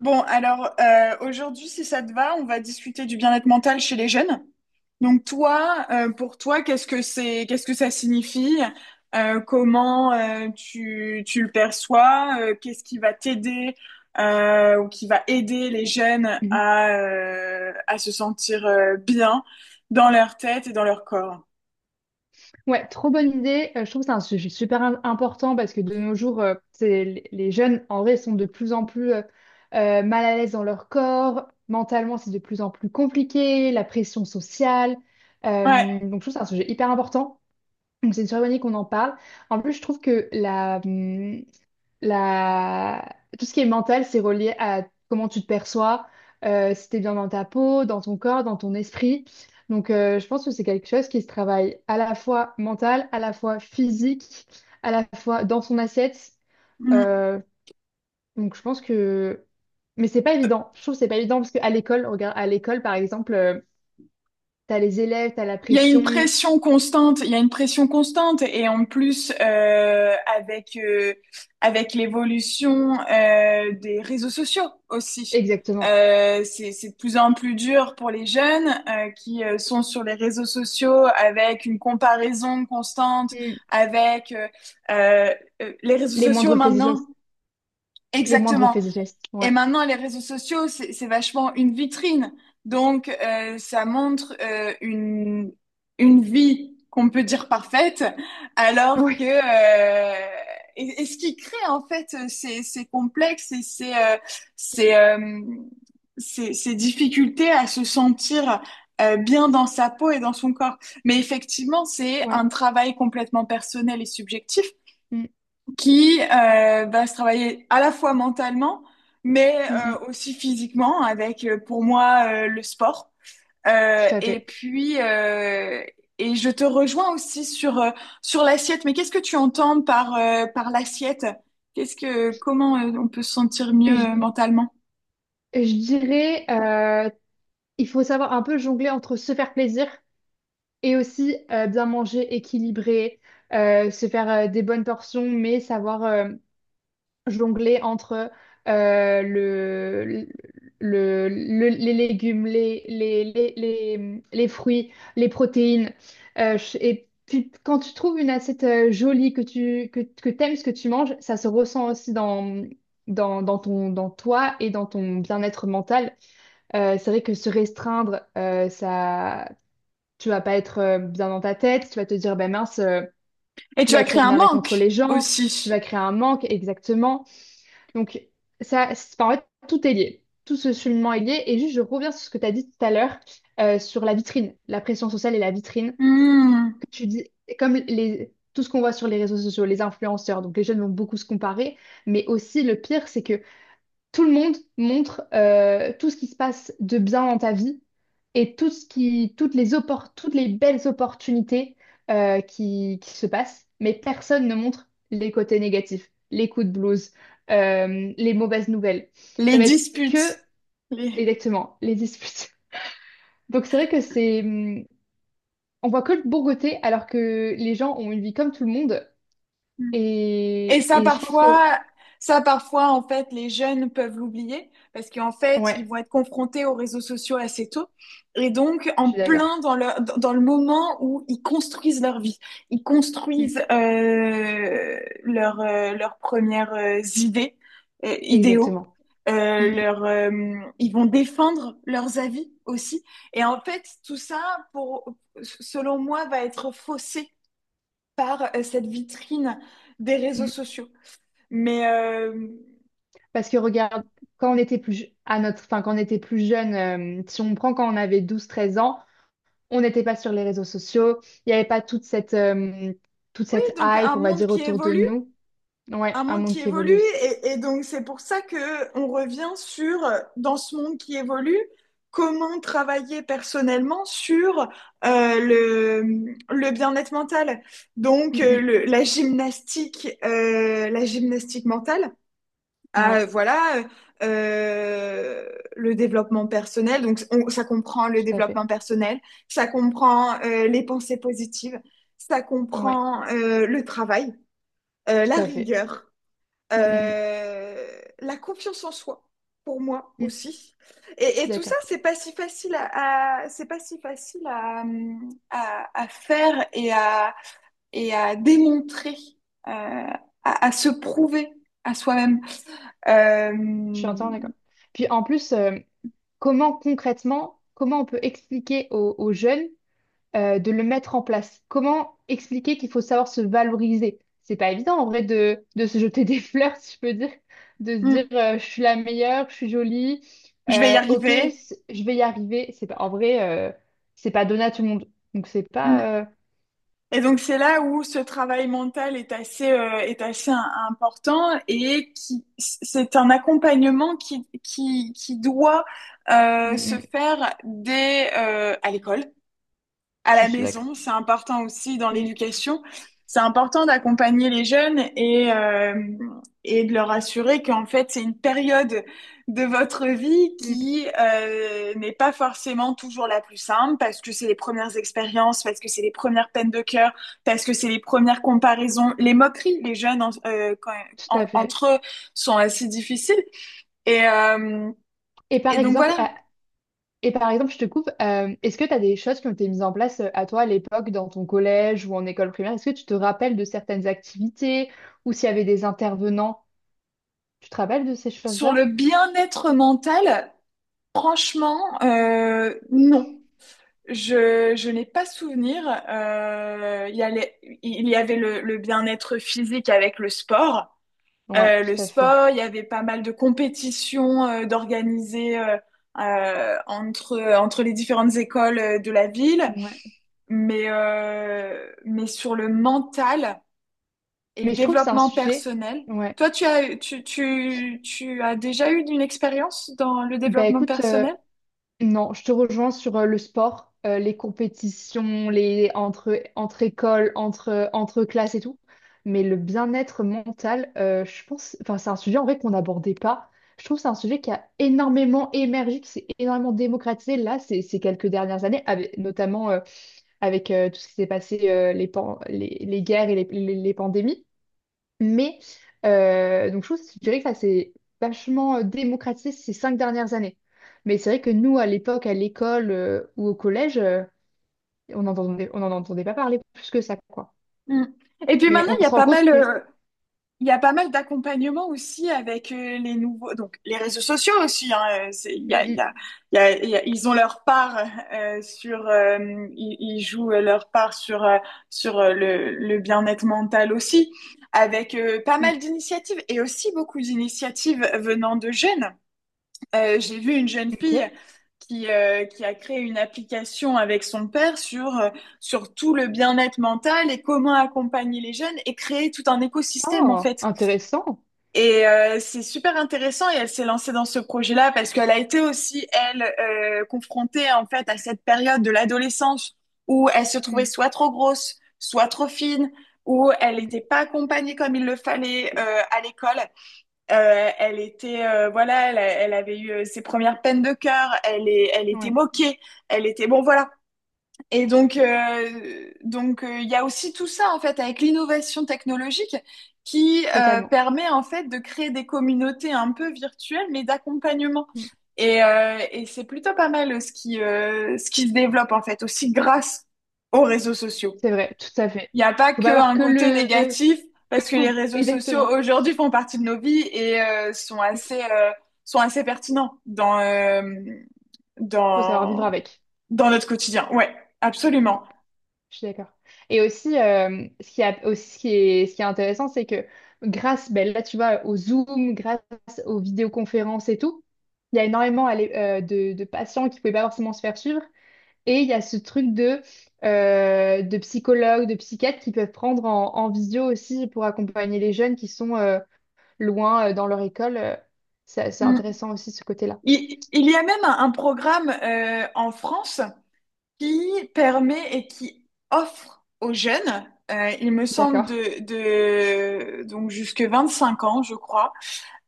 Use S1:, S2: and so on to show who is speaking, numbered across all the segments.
S1: Bon, alors aujourd'hui, si ça te va, on va discuter du bien-être mental chez les jeunes. Donc toi, pour toi, qu'est-ce que c'est, qu'est-ce que ça signifie? Comment tu le perçois? Qu'est-ce qui va t'aider ou qui va aider les jeunes
S2: Mhm.
S1: à se sentir bien dans leur tête et dans leur corps?
S2: Ouais, trop bonne idée. Je trouve que c'est un sujet super important parce que de nos jours, c'est, les jeunes, en vrai, sont de plus en plus mal à l'aise dans leur corps. Mentalement, c'est de plus en plus compliqué, la pression sociale.
S1: Ouais.
S2: Donc, je trouve que c'est un sujet hyper important. Donc, c'est une super bonne idée qu'on en parle. En plus, je trouve que la... tout ce qui est mental, c'est relié à comment tu te perçois, si t'es bien dans ta peau, dans ton corps, dans ton esprit. Donc, je pense que c'est quelque chose qui se travaille à la fois mental, à la fois physique, à la fois dans son assiette.
S1: Mm.
S2: Euh, donc, je pense que... Mais c'est pas évident. Je trouve que c'est pas évident parce qu'à l'école, regarde, à l'école, par exemple, t'as les élèves, t'as la
S1: Il y a une
S2: pression.
S1: pression constante, et en plus avec avec l'évolution des réseaux sociaux aussi,
S2: Exactement.
S1: c'est de plus en plus dur pour les jeunes qui sont sur les réseaux sociaux avec une comparaison constante
S2: Mm.
S1: avec euh, les réseaux
S2: Les
S1: sociaux
S2: moindres faits et
S1: maintenant.
S2: gestes. Les moindres
S1: Exactement.
S2: faits et gestes.
S1: Et
S2: Ouais.
S1: maintenant, les réseaux sociaux, c'est vachement une vitrine. Donc, ça montre une vie qu'on peut dire parfaite, alors que...
S2: Ouais.
S1: euh, et ce qui crée, en fait, ces, ces complexes et ces, euh, ces, ces difficultés à se sentir bien dans sa peau et dans son corps. Mais effectivement, c'est
S2: Ouais.
S1: un travail complètement personnel et subjectif
S2: Mm,
S1: qui va se travailler à la fois mentalement, mais
S2: mm, mm.
S1: aussi physiquement avec, pour moi, le sport. Euh,
S2: Tout à
S1: et
S2: fait.
S1: puis, euh, et je te rejoins aussi sur, sur l'assiette. Mais qu'est-ce que tu entends par, par l'assiette? Qu'est-ce que, comment on peut se sentir
S2: Je,
S1: mieux mentalement?
S2: je dirais, il faut savoir un peu jongler entre se faire plaisir et aussi bien manger, équilibrer, se faire des bonnes portions, mais savoir jongler entre euh, le, les légumes, les fruits, les protéines. Et puis, quand tu trouves une assiette jolie, que t'aimes ce que tu manges, ça se ressent aussi dans ton, dans toi et dans ton bien-être mental. C'est vrai que se restreindre, ça, tu vas pas être bien dans ta tête, tu vas te dire, ben mince,
S1: Et
S2: tu
S1: tu
S2: vas
S1: vas
S2: être
S1: créer un
S2: énervé contre
S1: manque
S2: les gens, tu
S1: aussi.
S2: vas créer un manque, exactement. Donc, enfin, en fait, tout est lié. Tout ce cheminement est lié. Et juste, je reviens sur ce que tu as dit tout à l'heure, sur la vitrine, la pression sociale et la vitrine,
S1: Hmm.
S2: que tu dis, comme les, tout ce qu'on voit sur les réseaux sociaux, les influenceurs, donc les jeunes vont beaucoup se comparer, mais aussi le pire, c'est que tout le monde montre tout ce qui se passe de bien dans ta vie et tout ce qui, toutes les belles opportunités qui se passent, mais personne ne montre les côtés négatifs, les coups de blues, les mauvaises nouvelles.
S1: Les
S2: Ça va être que,
S1: disputes. Les...
S2: exactement, les disputes. Donc c'est vrai que on voit que le bon côté alors que les gens ont une vie comme tout le monde
S1: Hmm. Et
S2: et, et je pense que...
S1: ça, parfois, en fait, les jeunes peuvent l'oublier parce qu'en fait, ils
S2: Ouais,
S1: vont être confrontés aux réseaux sociaux assez tôt. Et donc,
S2: je
S1: en
S2: suis
S1: plein
S2: d'accord.
S1: dans le moment où ils construisent leur vie, ils
S2: Mm,
S1: construisent leurs premières idées, idéaux.
S2: exactement. Mm,
S1: Euh,
S2: mm,
S1: leur, euh, ils vont défendre leurs avis aussi. Et en fait, tout ça, pour, selon moi, va être faussé par cette vitrine des réseaux
S2: mm.
S1: sociaux. Mais euh,
S2: Parce que regarde, quand on était plus jeune, si on prend quand on avait 12-13 ans, on n'était pas sur les réseaux sociaux, il n'y avait pas toute toute
S1: oui,
S2: cette
S1: donc un
S2: hype, on va
S1: monde
S2: dire,
S1: qui
S2: autour de
S1: évolue,
S2: nous. Ouais,
S1: un
S2: un
S1: monde
S2: monde
S1: qui
S2: qui
S1: évolue,
S2: évolue aussi.
S1: et donc c'est pour ça que on revient sur dans ce monde qui évolue, comment travailler personnellement sur euh, le, le bien-être mental. Donc euh,
S2: Mm,
S1: le- la gymnastique mentale.
S2: mm.
S1: à, euh,
S2: Ouais,
S1: voilà, euh, le développement personnel. Donc ça comprend le
S2: tout à fait.
S1: développement personnel, ça comprend les pensées positives, ça
S2: Ouais,
S1: comprend le travail,
S2: tout
S1: la
S2: à fait.
S1: rigueur,
S2: Mm, mm,
S1: euh, la confiance en soi, pour moi
S2: mm, mm.
S1: aussi.
S2: Je suis
S1: Et tout ça,
S2: d'accord.
S1: c'est pas si facile à faire et à démontrer, euh, à se prouver à soi-même.
S2: Je suis
S1: Euh,
S2: entièrement d'accord. Puis en plus, comment concrètement, comment on peut expliquer aux jeunes de le mettre en place? Comment expliquer qu'il faut savoir se valoriser? C'est pas évident en vrai de se jeter des fleurs, si je peux dire, de se dire
S1: Mm.
S2: je suis la meilleure, je suis jolie,
S1: Je vais y
S2: ok,
S1: arriver.
S2: je vais y arriver. C'est pas en vrai, c'est pas donné à tout le monde. Donc c'est
S1: Mm.
S2: pas.
S1: Et donc c'est là où ce travail mental est assez important et qui c'est un accompagnement qui doit
S2: Mm,
S1: se
S2: mm,
S1: faire dès à l'école à
S2: je
S1: la
S2: suis d'accord.
S1: maison. C'est important aussi dans
S2: Mm,
S1: l'éducation. C'est important d'accompagner les jeunes et de leur assurer qu'en fait, c'est une période de votre vie
S2: mm,
S1: qui n'est pas forcément toujours la plus simple parce que c'est les premières expériences, parce que c'est les premières peines de cœur, parce que c'est les premières comparaisons, les moqueries. Les jeunes en- quand-
S2: tout
S1: en-
S2: à fait.
S1: entre eux sont assez difficiles. Et, euh,
S2: Et
S1: et
S2: par
S1: donc
S2: exemple,
S1: voilà,
S2: à- et par exemple, je te coupe, est-ce que tu as des choses qui ont été mises en place à toi à l'époque dans ton collège ou en école primaire? Est-ce que tu te rappelles de certaines activités ou s'il y avait des intervenants? Tu te rappelles de ces
S1: sur le
S2: choses-là?
S1: bien-être mental, Franchement, non. Je n'ai pas souvenir. Il y avait le bien-être physique avec le sport.
S2: Ouais,
S1: Le
S2: tout à fait.
S1: sport, il y avait pas mal de compétitions d'organiser entre, entre les différentes écoles de la ville.
S2: Ouais.
S1: Mais sur le mental et le
S2: Mais je trouve que c'est un
S1: développement
S2: sujet.
S1: personnel,
S2: Ouais.
S1: toi, tu as déjà eu une expérience dans le
S2: Bah
S1: développement
S2: écoute,
S1: personnel?
S2: non, je te rejoins sur le sport, les compétitions, entre écoles, entre classes et tout. Mais le bien-être mental, je pense, enfin, c'est un sujet en vrai qu'on n'abordait pas. Je trouve que c'est un sujet qui a énormément émergé, qui s'est énormément démocratisé là, ces quelques dernières années, avec, notamment avec tout ce qui s'est passé, les guerres et les pandémies. Mais, donc je trouve, je dirais que ça s'est vachement démocratisé ces cinq dernières années. Mais c'est vrai que nous, à l'époque, à l'école ou au collège, on n'entendait on n'en entendait pas parler plus que ça, quoi.
S1: Mm. Et puis
S2: Mais
S1: maintenant, il
S2: on
S1: y a
S2: se rend
S1: pas
S2: compte
S1: mal,
S2: que...
S1: il y a pas mal d'accompagnement aussi avec les nouveaux, donc les réseaux sociaux aussi. Hein, il y a, il
S2: Mm,
S1: y a, il y a- il y a- ils ont leur part euh, sur, euh, ils, ils jouent leur part sur le bien-être mental aussi, avec pas
S2: mm,
S1: mal
S2: mm.
S1: d'initiatives et aussi beaucoup d'initiatives venant de jeunes. J'ai vu une jeune fille
S2: Ok.
S1: qui a créé une application avec son père sur, sur tout le bien-être mental et comment accompagner les jeunes et créer tout un écosystème en
S2: Oh,
S1: fait.
S2: intéressant.
S1: Et c'est super intéressant et elle s'est lancée dans ce projet-là parce qu'elle a été aussi, elle, confrontée en fait à cette période de l'adolescence où elle se trouvait
S2: Mm,
S1: soit trop grosse, soit trop fine, où elle
S2: mm.
S1: n'était pas accompagnée comme il le fallait à l'école. Elle était, voilà, elle avait eu ses premières peines de cœur. Elle était
S2: Ouais,
S1: moquée. Elle était, bon, voilà. Et donc, il y a aussi tout ça en fait avec l'innovation technologique qui
S2: totalement.
S1: permet en fait de créer des communautés un peu virtuelles, mais d'accompagnement.
S2: Mm.
S1: Et c'est plutôt pas mal ce qui se développe en fait aussi grâce aux réseaux sociaux.
S2: C'est vrai, tout à fait.
S1: Il n'y a pas
S2: Faut pas avoir
S1: qu'un
S2: que
S1: côté
S2: le...
S1: négatif,
S2: Que
S1: parce que
S2: le
S1: les
S2: mauvais.
S1: réseaux sociaux
S2: Exactement.
S1: aujourd'hui font partie de nos vies et
S2: Mm.
S1: sont assez pertinents dans,
S2: Faut savoir vivre
S1: dans,
S2: avec.
S1: dans notre quotidien. Ouais,
S2: Mm.
S1: absolument.
S2: Je suis d'accord. Et aussi, ce qui est intéressant, c'est que grâce, ben là, tu vois, au Zoom, grâce aux vidéoconférences et tout, il y a énormément allez, de patients qui ne pouvaient pas forcément se faire suivre. Et il y a ce truc de psychologues, de psychiatres qui peuvent prendre en visio aussi pour accompagner les jeunes qui sont loin dans leur école. C'est
S1: Mm.
S2: intéressant aussi ce côté-là.
S1: Il y a même un programme en France qui permet et qui offre aux jeunes, il me semble
S2: D'accord.
S1: de donc jusque 25 ans, je crois,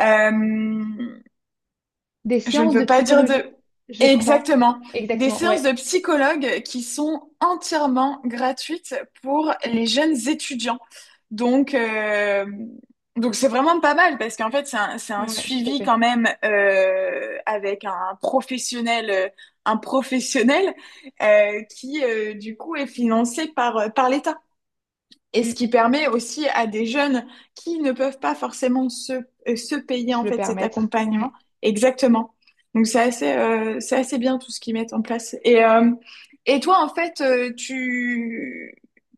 S1: euh,
S2: Des
S1: Je ne
S2: séances
S1: veux
S2: de
S1: pas dire
S2: psychologie,
S1: de...
S2: je crois.
S1: Exactement. Des
S2: Exactement,
S1: séances
S2: ouais.
S1: de psychologue qui sont entièrement gratuites pour les jeunes étudiants. Donc, euh, donc c'est vraiment pas mal parce qu'en fait, c'est un
S2: Mm, ouais, tout à
S1: suivi
S2: fait.
S1: quand même avec un professionnel qui, du coup, est financé par, par l'État. Et ce
S2: Mmh.
S1: qui permet aussi à des jeunes qui ne peuvent pas forcément se, se payer
S2: Se
S1: en
S2: le
S1: fait cet
S2: permettre. Mm.
S1: accompagnement. Exactement. Donc c'est assez bien tout ce qu'ils mettent en place. Et toi, en fait, tu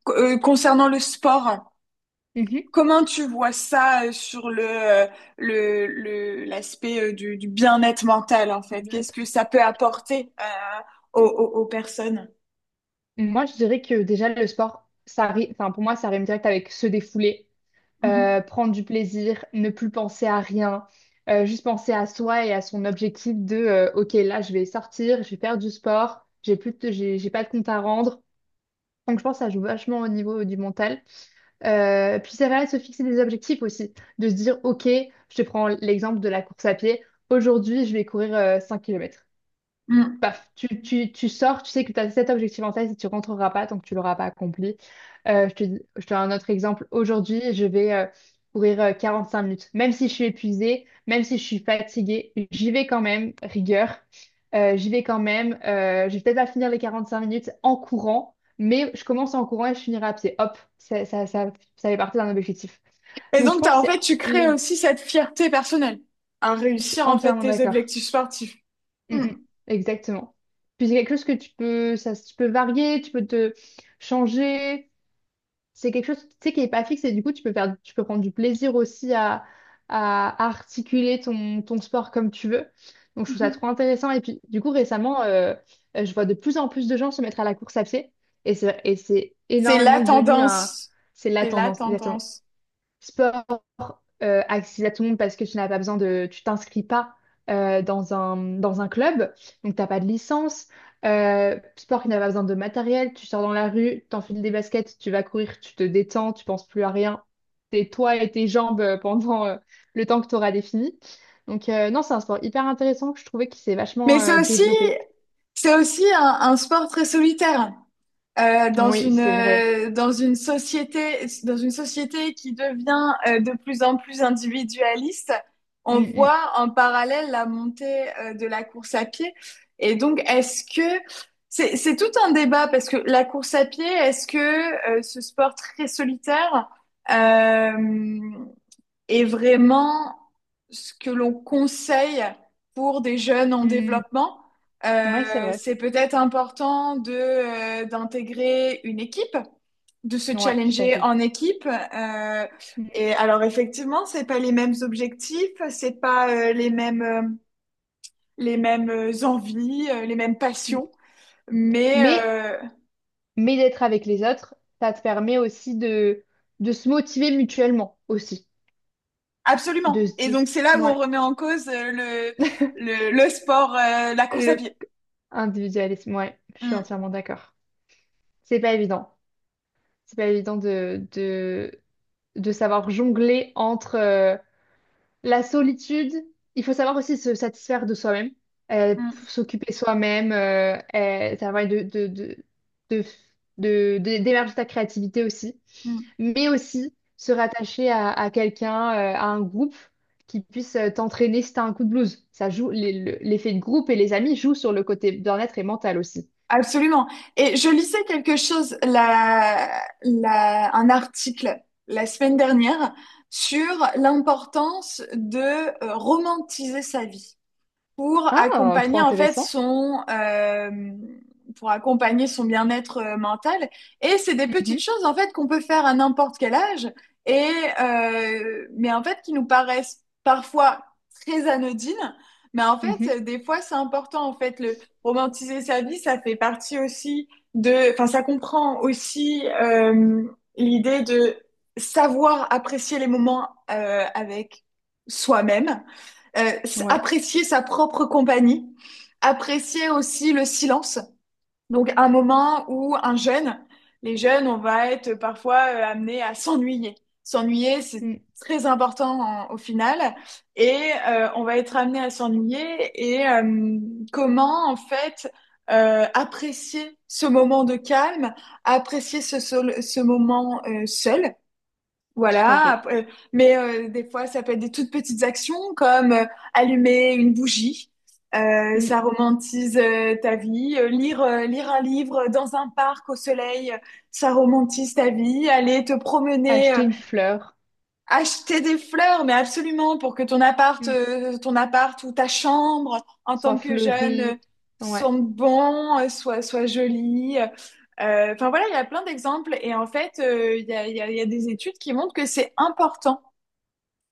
S1: concernant le sport,
S2: Mhm.
S1: comment tu vois ça sur le, l'aspect du bien-être mental, en fait? Qu'est-ce
S2: Exact.
S1: que ça peut apporter aux personnes?
S2: Moi, je dirais que déjà, le sport, pour moi, ça rime direct avec se défouler,
S1: Mhm.
S2: prendre du plaisir, ne plus penser à rien, juste penser à soi et à son objectif de OK, là, je vais sortir, je vais faire du sport, j'ai pas de compte à rendre. Donc, je pense que ça joue vachement au niveau du mental. Puis, c'est vrai, de se fixer des objectifs aussi, de se dire OK, je te prends l'exemple de la course à pied. Aujourd'hui, je vais courir 5 kilomètres.
S1: Mm.
S2: Paf, tu sors, tu sais que tu as cet objectif en tête et tu ne rentreras pas tant que tu l'auras pas accompli. Je te donne un autre exemple. Aujourd'hui, je vais courir 45 minutes. Même si je suis épuisée, même si je suis fatiguée, j'y vais quand même, rigueur. J'y vais quand même. Je vais peut-être pas finir les 45 minutes en courant, mais je commence en courant et je finirai à pied. Hop, ça fait partie d'un objectif.
S1: Et
S2: Donc, je
S1: donc,
S2: pense
S1: t'as, en
S2: que c'est
S1: fait, tu crées
S2: le...
S1: aussi cette fierté personnelle à
S2: Je suis
S1: réussir, en fait,
S2: entièrement
S1: tes
S2: d'accord.
S1: objectifs sportifs.
S2: Mm,
S1: Mm.
S2: mm. Exactement. Puis c'est quelque chose que tu peux, ça, tu peux varier, tu peux te changer. C'est quelque chose, tu sais, qui est pas fixe et du coup, tu peux faire, tu peux prendre du plaisir aussi à articuler ton sport comme tu veux. Donc, je trouve ça trop
S1: Mhm.
S2: intéressant. Et puis, du coup, récemment, je vois de plus en plus de gens se mettre à la course à pied et et c'est
S1: C'est la
S2: énormément devenu
S1: tendance.
S2: c'est la
S1: C'est la
S2: tendance, exactement,
S1: tendance.
S2: accessible à tout le monde parce que tu n'as pas besoin de, tu t'inscris pas dans un club, donc t'as pas de licence. Sport qui n'a pas besoin de matériel, tu sors dans la rue, t'enfiles des baskets, tu vas courir, tu te détends, tu penses plus à rien, t'es toi et tes jambes pendant le temps que tu auras défini. Donc non, c'est un sport hyper intéressant que je trouvais qui s'est
S1: Mais
S2: vachement
S1: c'est aussi,
S2: développé.
S1: c'est aussi un sport très solitaire.
S2: Oui, c'est vrai.
S1: Dans une société qui devient de plus en plus individualiste, on
S2: Mm,
S1: voit en parallèle la montée de la course à pied. Et donc, est-ce que c'est tout un débat parce que la course à pied, est-ce que ce sport très solitaire, euh, est vraiment ce que l'on conseille pour des jeunes en
S2: mm,
S1: développement.
S2: mm. Ouais, c'est vrai.
S1: C'est peut-être important de, d'intégrer une équipe, de se
S2: Ouais, tout à
S1: challenger
S2: fait.
S1: en équipe.
S2: Mm,
S1: Et alors effectivement, c'est pas les mêmes objectifs, c'est pas les mêmes envies, les mêmes
S2: mm.
S1: passions, mais
S2: Mais mais d'être avec les autres, ça te permet aussi de se motiver mutuellement aussi, de
S1: absolument.
S2: se
S1: Et
S2: dire,
S1: donc c'est là où on
S2: ouais,
S1: remet en cause le sport, la course à
S2: le
S1: pied.
S2: individualisme, ouais, je suis
S1: Mm,
S2: entièrement d'accord. C'est pas évident. C'est pas évident de savoir jongler entre, la solitude, il faut savoir aussi se satisfaire de soi-même, euh,
S1: mm,
S2: s'occuper soi-même, ça va de, d'émerger ta créativité aussi,
S1: mm.
S2: mais aussi se rattacher à quelqu'un, à un groupe qui puisse t'entraîner si t'as un coup de blues. Ça joue, l'effet de groupe et les amis jouent sur le côté bien-être et mental aussi.
S1: Absolument. Et je lisais quelque chose, un article la semaine dernière sur l'importance de romantiser sa vie pour
S2: Ah, trop
S1: accompagner en fait
S2: intéressant.
S1: son pour accompagner son bien-être mental et c'est des petites
S2: Mhm,
S1: choses en fait qu'on peut faire à n'importe quel âge et mais en fait qui nous paraissent parfois très anodines mais en
S2: mhm,
S1: fait des fois c'est important en fait le romantiser sa vie ça fait partie aussi de enfin ça comprend aussi l'idée de savoir apprécier les moments avec soi-même euh,
S2: ouais,
S1: apprécier sa propre compagnie, apprécier aussi le silence. Donc un moment où un jeune, les jeunes, on va être parfois amené à s'ennuyer. S'ennuyer, c'est
S2: mm,
S1: très important en, au final, et on va être amené à s'ennuyer. Et comment en fait apprécier ce moment de calme, apprécier ce, ce moment seul,
S2: tout à
S1: voilà,
S2: fait.
S1: après- mais des fois, ça peut être des toutes petites actions comme allumer une bougie,
S2: Mm.
S1: ça romantise ta vie, lire, lire un livre dans un parc au soleil, ça romantise ta vie, aller te promener
S2: Acheter une fleur,
S1: Acheter des fleurs, mais absolument, pour que
S2: mm,
S1: ton appart ou ta chambre, en
S2: soit
S1: tant que jeune,
S2: fleurie. Ouais.
S1: sente bon, soit jolie. Enfin voilà, il y a plein d'exemples. Et en fait, il y a des études qui montrent que c'est important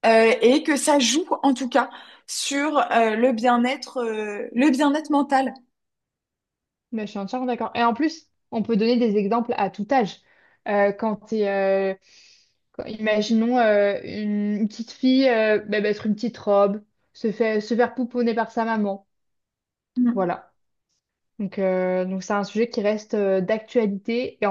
S1: et que ça joue, en tout cas, sur le bien-être mental.
S2: Mais je suis entièrement d'accord. Et en plus, on peut donner des exemples à tout âge. Euh, quand t'es, euh, Imaginons une petite fille bah, mettre une petite robe, se faire pouponner par sa maman. Voilà. Donc c'est un sujet qui reste d'actualité et